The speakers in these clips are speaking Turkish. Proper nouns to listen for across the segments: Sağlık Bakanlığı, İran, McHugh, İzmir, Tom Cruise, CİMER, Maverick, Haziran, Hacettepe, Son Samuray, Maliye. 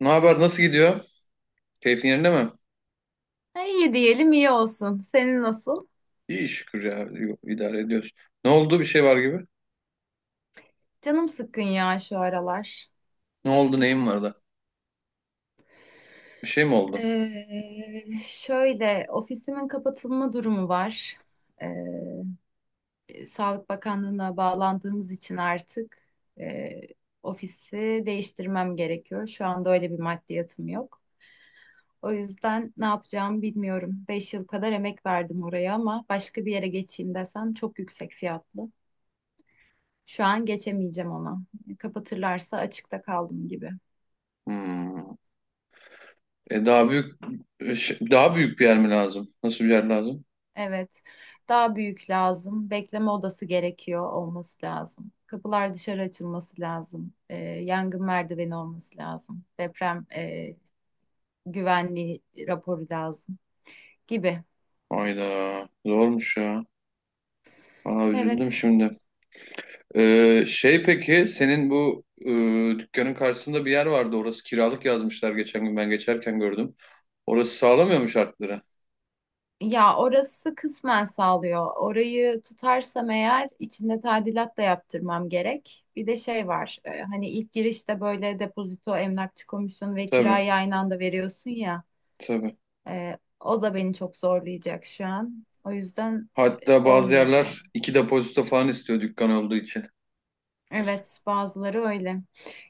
Ne haber? Nasıl gidiyor? Keyfin yerinde mi? Ha, İyi diyelim iyi olsun. Senin nasıl? İyi şükür ya. İdare ediyoruz. Ne oldu? Bir şey var gibi. Canım sıkkın ya şu aralar. Ne oldu? Neyin var da? Bir şey mi oldu? Şöyle ofisimin kapatılma durumu var. Ee, Sağlık Bakanlığı'na bağlandığımız için artık e, ofisi değiştirmem gerekiyor. Şu anda öyle bir maddiyatım yok. O yüzden ne yapacağımı bilmiyorum. Beş yıl kadar emek verdim oraya ama başka bir yere geçeyim desem çok yüksek fiyatlı. Şu an geçemeyeceğim ona. Kapatırlarsa açıkta kaldım gibi. Hmm. E daha büyük Daha büyük bir yer mi lazım? Nasıl bir yer lazım? Evet. Daha büyük lazım. Bekleme odası gerekiyor olması lazım. Kapılar dışarı açılması lazım. Yangın merdiveni olması lazım. Deprem güvenliği raporu lazım gibi. Hayda. Zormuş ya. Aa, üzüldüm Evet. şimdi. Peki senin bu dükkanın karşısında bir yer vardı. Orası kiralık yazmışlar, geçen gün ben geçerken gördüm. Orası sağlamıyor mu şartları? Ya orası kısmen sağlıyor. Orayı tutarsam eğer içinde tadilat da yaptırmam gerek. Bir de şey var. Hani ilk girişte böyle depozito, emlakçı komisyonu ve Tabii, kirayı aynı anda veriyorsun ya. tabii. O da beni çok zorlayacak şu an. O yüzden Hatta bazı olmuyor yani. yerler iki depozito falan istiyor dükkan olduğu için. Evet, bazıları öyle.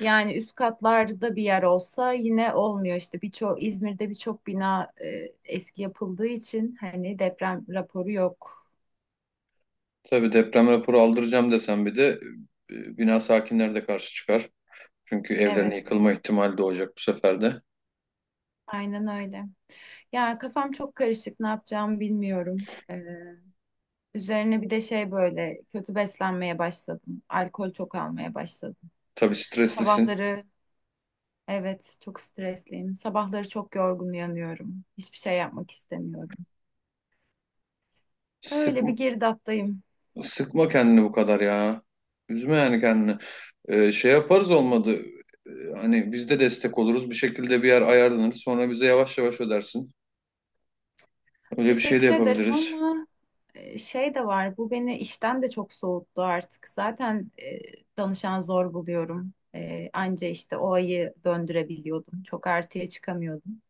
Yani üst katlarda bir yer olsa yine olmuyor işte. Birçok İzmir'de birçok bina eski yapıldığı için hani deprem raporu yok. Tabii, deprem raporu aldıracağım desem bir de bina sakinleri de karşı çıkar. Çünkü evlerine Evet, yıkılma ihtimali de olacak bu sefer de. aynen öyle. Ya kafam çok karışık. Ne yapacağımı bilmiyorum. Üzerine bir de şey böyle kötü beslenmeye başladım. Alkol çok almaya başladım. Tabii, streslisin. Sabahları evet, çok stresliyim. Sabahları çok yorgun uyanıyorum. Hiçbir şey yapmak istemiyorum. Öyle bir Sıkma, girdaptayım. sıkma kendini bu kadar ya. Üzme yani kendini. Şey yaparız olmadı. E, Hani biz de destek oluruz. Bir şekilde bir yer ayarlanır. Sonra bize yavaş yavaş ödersin. Öyle bir şey de Teşekkür ederim yapabiliriz. ama şey de var. Bu beni işten de çok soğuttu artık. Zaten danışan zor buluyorum. E, anca işte o ayı döndürebiliyordum. Çok artıya çıkamıyordum.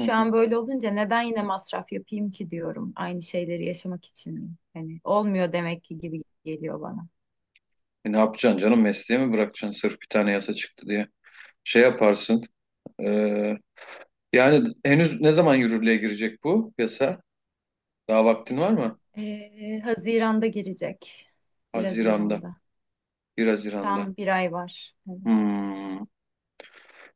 Hı hı. an böyle olunca neden yine masraf yapayım ki diyorum. Aynı şeyleri yaşamak için mi? Hani olmuyor demek ki gibi geliyor bana. Ne yapacaksın canım? Mesleği mi bırakacaksın sırf bir tane yasa çıktı diye? Şey yaparsın. e, yani henüz ne zaman yürürlüğe girecek bu yasa? Daha vaktin var mı? Haziran'da girecek. 1 Haziran'da. Haziran'da. 1 Haziran'da. Tam bir ay var. Evet. Hmm.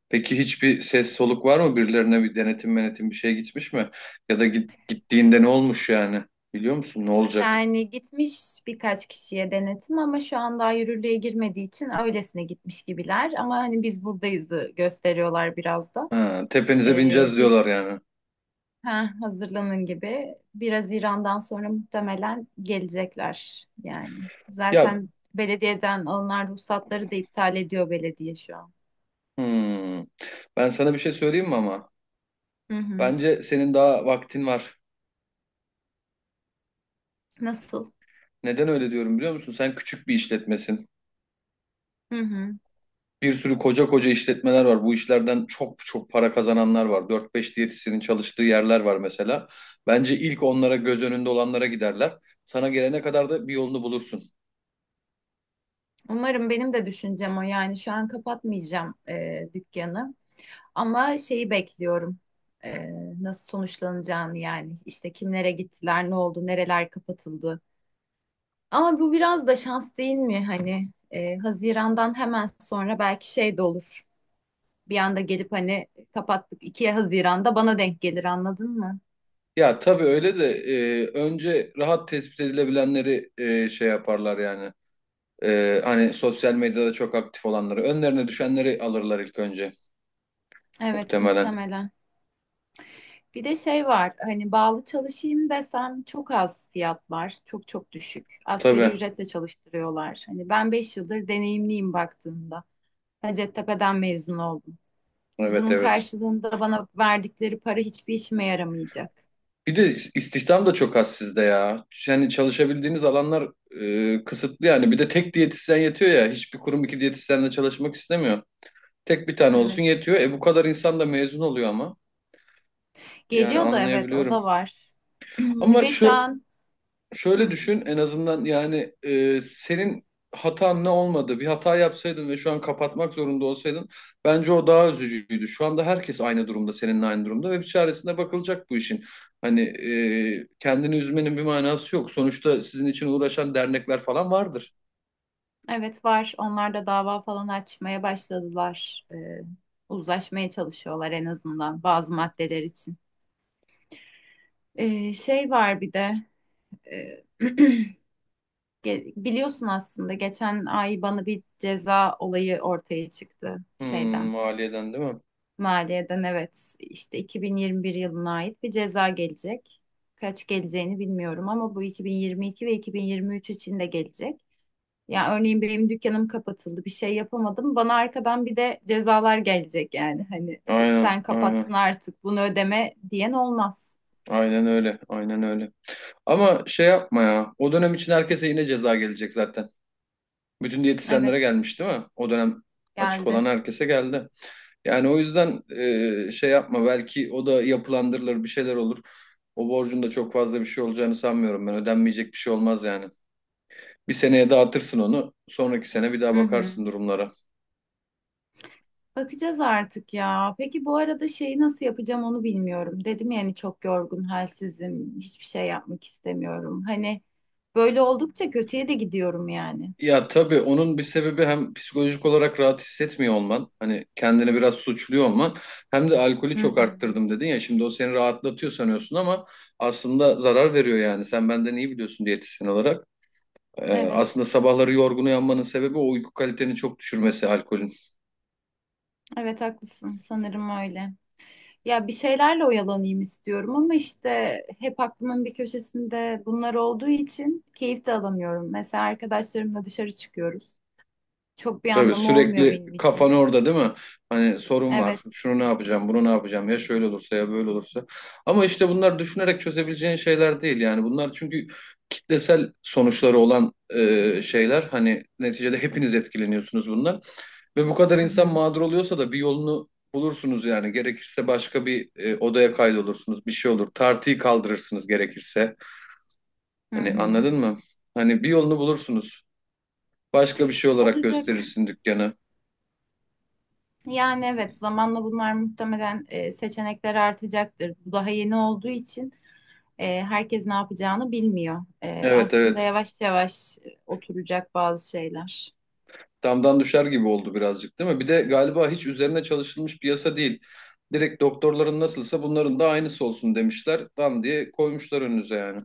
Peki hiçbir ses soluk var mı? Birilerine bir denetim menetim bir şey gitmiş mi? Ya da gittiğinde ne olmuş yani? Biliyor musun? Ne olacak? Yani gitmiş birkaç kişiye denetim ama şu an daha yürürlüğe girmediği için öylesine gitmiş gibiler. Ama hani biz buradayızı gösteriyorlar biraz da. Ha, tepenize Ee, bineceğiz diyorlar bir yani. ha, Hazırlanın gibi. Biraz İran'dan sonra muhtemelen gelecekler yani. Ya, Zaten belediyeden alınan ruhsatları da iptal ediyor belediye şu an. hmm. Ben sana bir şey söyleyeyim mi ama? Hı hı. Bence senin daha vaktin var. Nasıl? Neden öyle diyorum biliyor musun? Sen küçük bir işletmesin. Hı hı. Bir sürü koca koca işletmeler var. Bu işlerden çok çok para kazananlar var. 4-5 diyetisyenin çalıştığı yerler var mesela. Bence ilk onlara, göz önünde olanlara giderler. Sana gelene kadar da bir yolunu bulursun. Umarım benim de düşüncem o. Yani şu an kapatmayacağım dükkanı. Ama şeyi bekliyorum. Ee, Nasıl sonuçlanacağını yani. İşte kimlere gittiler, ne oldu, nereler kapatıldı. Ama bu biraz da şans değil mi? Hani Haziran'dan hemen sonra belki şey de olur. Bir anda gelip hani kapattık 2 Haziran'da bana denk gelir anladın mı? Ya tabii, öyle de önce rahat tespit edilebilenleri şey yaparlar yani. Hani sosyal medyada çok aktif olanları. Önlerine düşenleri alırlar ilk önce, Evet muhtemelen. muhtemelen. Bir de şey var hani bağlı çalışayım desem çok az fiyatlar çok çok düşük. Asgari Tabii. ücretle çalıştırıyorlar. Hani ben 5 yıldır deneyimliyim baktığımda. Hacettepe'den mezun oldum. Evet, Bunun evet. karşılığında bana verdikleri para hiçbir işime yaramayacak. Bir de istihdam da çok az sizde ya. Yani çalışabildiğiniz alanlar kısıtlı yani. Bir de tek diyetisyen yetiyor ya. Hiçbir kurum iki diyetisyenle çalışmak istemiyor. Tek bir tane olsun Evet. yetiyor. Bu kadar insan da mezun oluyor ama. Yani Geliyor da evet o anlayabiliyorum. da var. Ama Ve şu an şöyle hı, düşün en azından, yani senin hatan ne olmadı? Bir hata yapsaydın ve şu an kapatmak zorunda olsaydın, bence o daha üzücüydü. Şu anda herkes aynı durumda, seninle aynı durumda ve bir çaresine bakılacak bu işin. Hani kendini üzmenin bir manası yok. Sonuçta sizin için uğraşan dernekler falan vardır. evet var. Onlar da dava falan açmaya başladılar. Uzlaşmaya çalışıyorlar en azından bazı maddeler için. Şey var bir de e, Biliyorsun aslında geçen ay bana bir ceza olayı ortaya çıktı Hmm, şeyden. maliyeden değil mi? Maliye'den evet işte 2021 yılına ait bir ceza gelecek. Kaç geleceğini bilmiyorum ama bu 2022 ve 2023 için de gelecek. Yani örneğin benim dükkanım kapatıldı, bir şey yapamadım. Bana arkadan bir de cezalar gelecek yani. Hani Aynen, sen aynen. kapattın artık bunu ödeme diyen olmaz. Aynen öyle, aynen öyle. Ama şey yapma ya. O dönem için herkese yine ceza gelecek zaten. Bütün Evet, diyetisyenlere gelmiş değil mi? O dönem açık olan geldi. herkese geldi. Yani o yüzden şey yapma, belki o da yapılandırılır, bir şeyler olur. O borcun da çok fazla bir şey olacağını sanmıyorum ben. Ödenmeyecek bir şey olmaz yani. Bir seneye dağıtırsın onu. Sonraki sene bir daha Hı hı. bakarsın durumlara. Bakacağız artık ya. Peki bu arada şeyi nasıl yapacağım onu bilmiyorum. Dedim yani çok yorgun, halsizim, hiçbir şey yapmak istemiyorum. Hani böyle oldukça kötüye de gidiyorum yani. Ya tabii, onun bir sebebi hem psikolojik olarak rahat hissetmiyor olman. Hani kendini biraz suçluyor olman. Hem de alkolü Hı çok hı. arttırdım dedin ya. Şimdi o seni rahatlatıyor sanıyorsun ama aslında zarar veriyor yani. Sen benden iyi biliyorsun diyetisyen olarak. Evet, Aslında sabahları yorgun uyanmanın sebebi o, uyku kaliteni çok düşürmesi alkolün. evet haklısın. Sanırım öyle. Ya bir şeylerle oyalanayım istiyorum ama işte hep aklımın bir köşesinde bunlar olduğu için keyif de alamıyorum. Mesela arkadaşlarımla dışarı çıkıyoruz. Çok bir Tabii, anlamı olmuyor sürekli benim kafan için. orada değil mi? Hani sorun var. Evet. Şunu ne yapacağım, bunu ne yapacağım? Ya şöyle olursa, ya böyle olursa. Ama işte bunlar düşünerek çözebileceğin şeyler değil yani. Bunlar çünkü kitlesel sonuçları olan şeyler. Hani neticede hepiniz etkileniyorsunuz bundan. Ve bu kadar Hı insan hı. mağdur oluyorsa da bir yolunu bulursunuz yani. Gerekirse başka bir odaya kaydolursunuz. Bir şey olur. Tartıyı kaldırırsınız gerekirse. Hı Hani, hı. anladın mı? Hani bir yolunu bulursunuz. Başka bir şey olarak Olacak. gösterirsin dükkanı. Yani evet zamanla bunlar muhtemelen seçenekler artacaktır. Bu daha yeni olduğu için herkes ne yapacağını bilmiyor. E, Evet, aslında evet. yavaş yavaş oturacak bazı şeyler. Damdan düşer gibi oldu birazcık değil mi? Bir de galiba hiç üzerine çalışılmış bir yasa değil. Direkt doktorların nasılsa bunların da aynısı olsun demişler. Tam diye koymuşlar önünüze yani.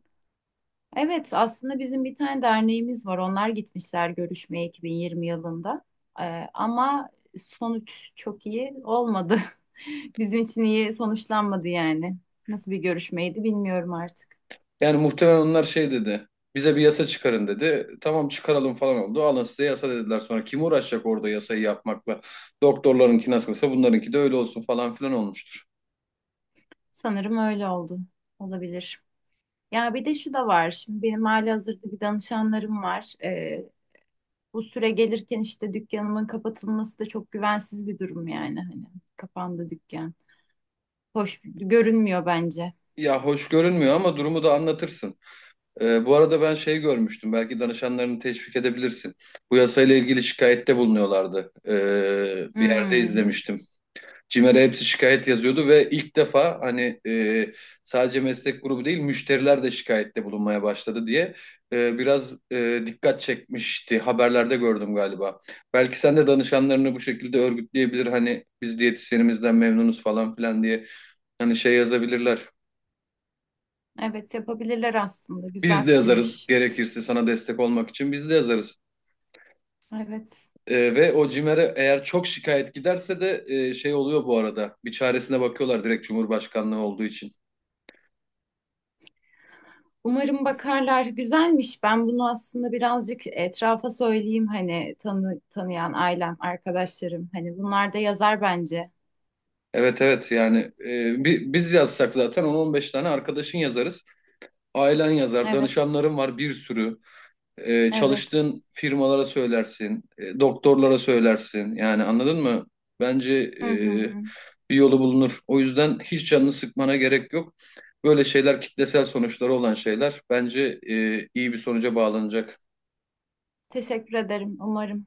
Evet aslında bizim bir tane derneğimiz var. Onlar gitmişler görüşmeye 2020 yılında. E, ama sonuç çok iyi olmadı. Bizim için iyi sonuçlanmadı yani. Nasıl bir görüşmeydi bilmiyorum artık. Yani muhtemelen onlar şey dedi. Bize bir yasa çıkarın dedi. Tamam, çıkaralım falan oldu. Alın size yasa dediler sonra. Kim uğraşacak orada yasayı yapmakla? Doktorlarınki nasılsa bunlarınki de öyle olsun falan filan olmuştur. Sanırım öyle oldu. Olabilir. Ya bir de şu da var. Şimdi benim halihazırda bir danışanlarım var. Bu süre gelirken işte dükkanımın kapatılması da çok güvensiz bir durum yani. Hani kapandı dükkan. Hoş görünmüyor bence. Ya hoş görünmüyor ama durumu da anlatırsın. Bu arada ben şey görmüştüm. Belki danışanlarını teşvik edebilirsin. Bu yasayla ilgili şikayette bulunuyorlardı. Bir yerde Hmm, izlemiştim. CİMER'e hepsi şikayet yazıyordu ve ilk defa, hani sadece meslek grubu değil müşteriler de şikayette bulunmaya başladı diye biraz dikkat çekmişti. Haberlerde gördüm galiba. Belki sen de danışanlarını bu şekilde örgütleyebilir. Hani biz diyetisyenimizden memnunuz falan filan diye, hani şey yazabilirler. evet yapabilirler aslında. Güzel Biz de yazarız fikirmiş. gerekirse, sana destek olmak için biz de yazarız. Evet. Ve o CİMER'e eğer çok şikayet giderse de şey oluyor bu arada. Bir çaresine bakıyorlar direkt, Cumhurbaşkanlığı olduğu için. Umarım bakarlar. Güzelmiş. Ben bunu aslında birazcık etrafa söyleyeyim hani tanıyan ailem, arkadaşlarım. Hani bunlar da yazar bence. Evet, evet, yani biz yazsak zaten 10-15 tane arkadaşın yazarız. Ailen yazar, Evet. danışanların var bir sürü. Evet. Çalıştığın firmalara söylersin, doktorlara söylersin. Yani anladın mı? Bence Hı hı. Bir yolu bulunur. O yüzden hiç canını sıkmana gerek yok. Böyle şeyler, kitlesel sonuçları olan şeyler, bence iyi bir sonuca bağlanacak. Teşekkür ederim. Umarım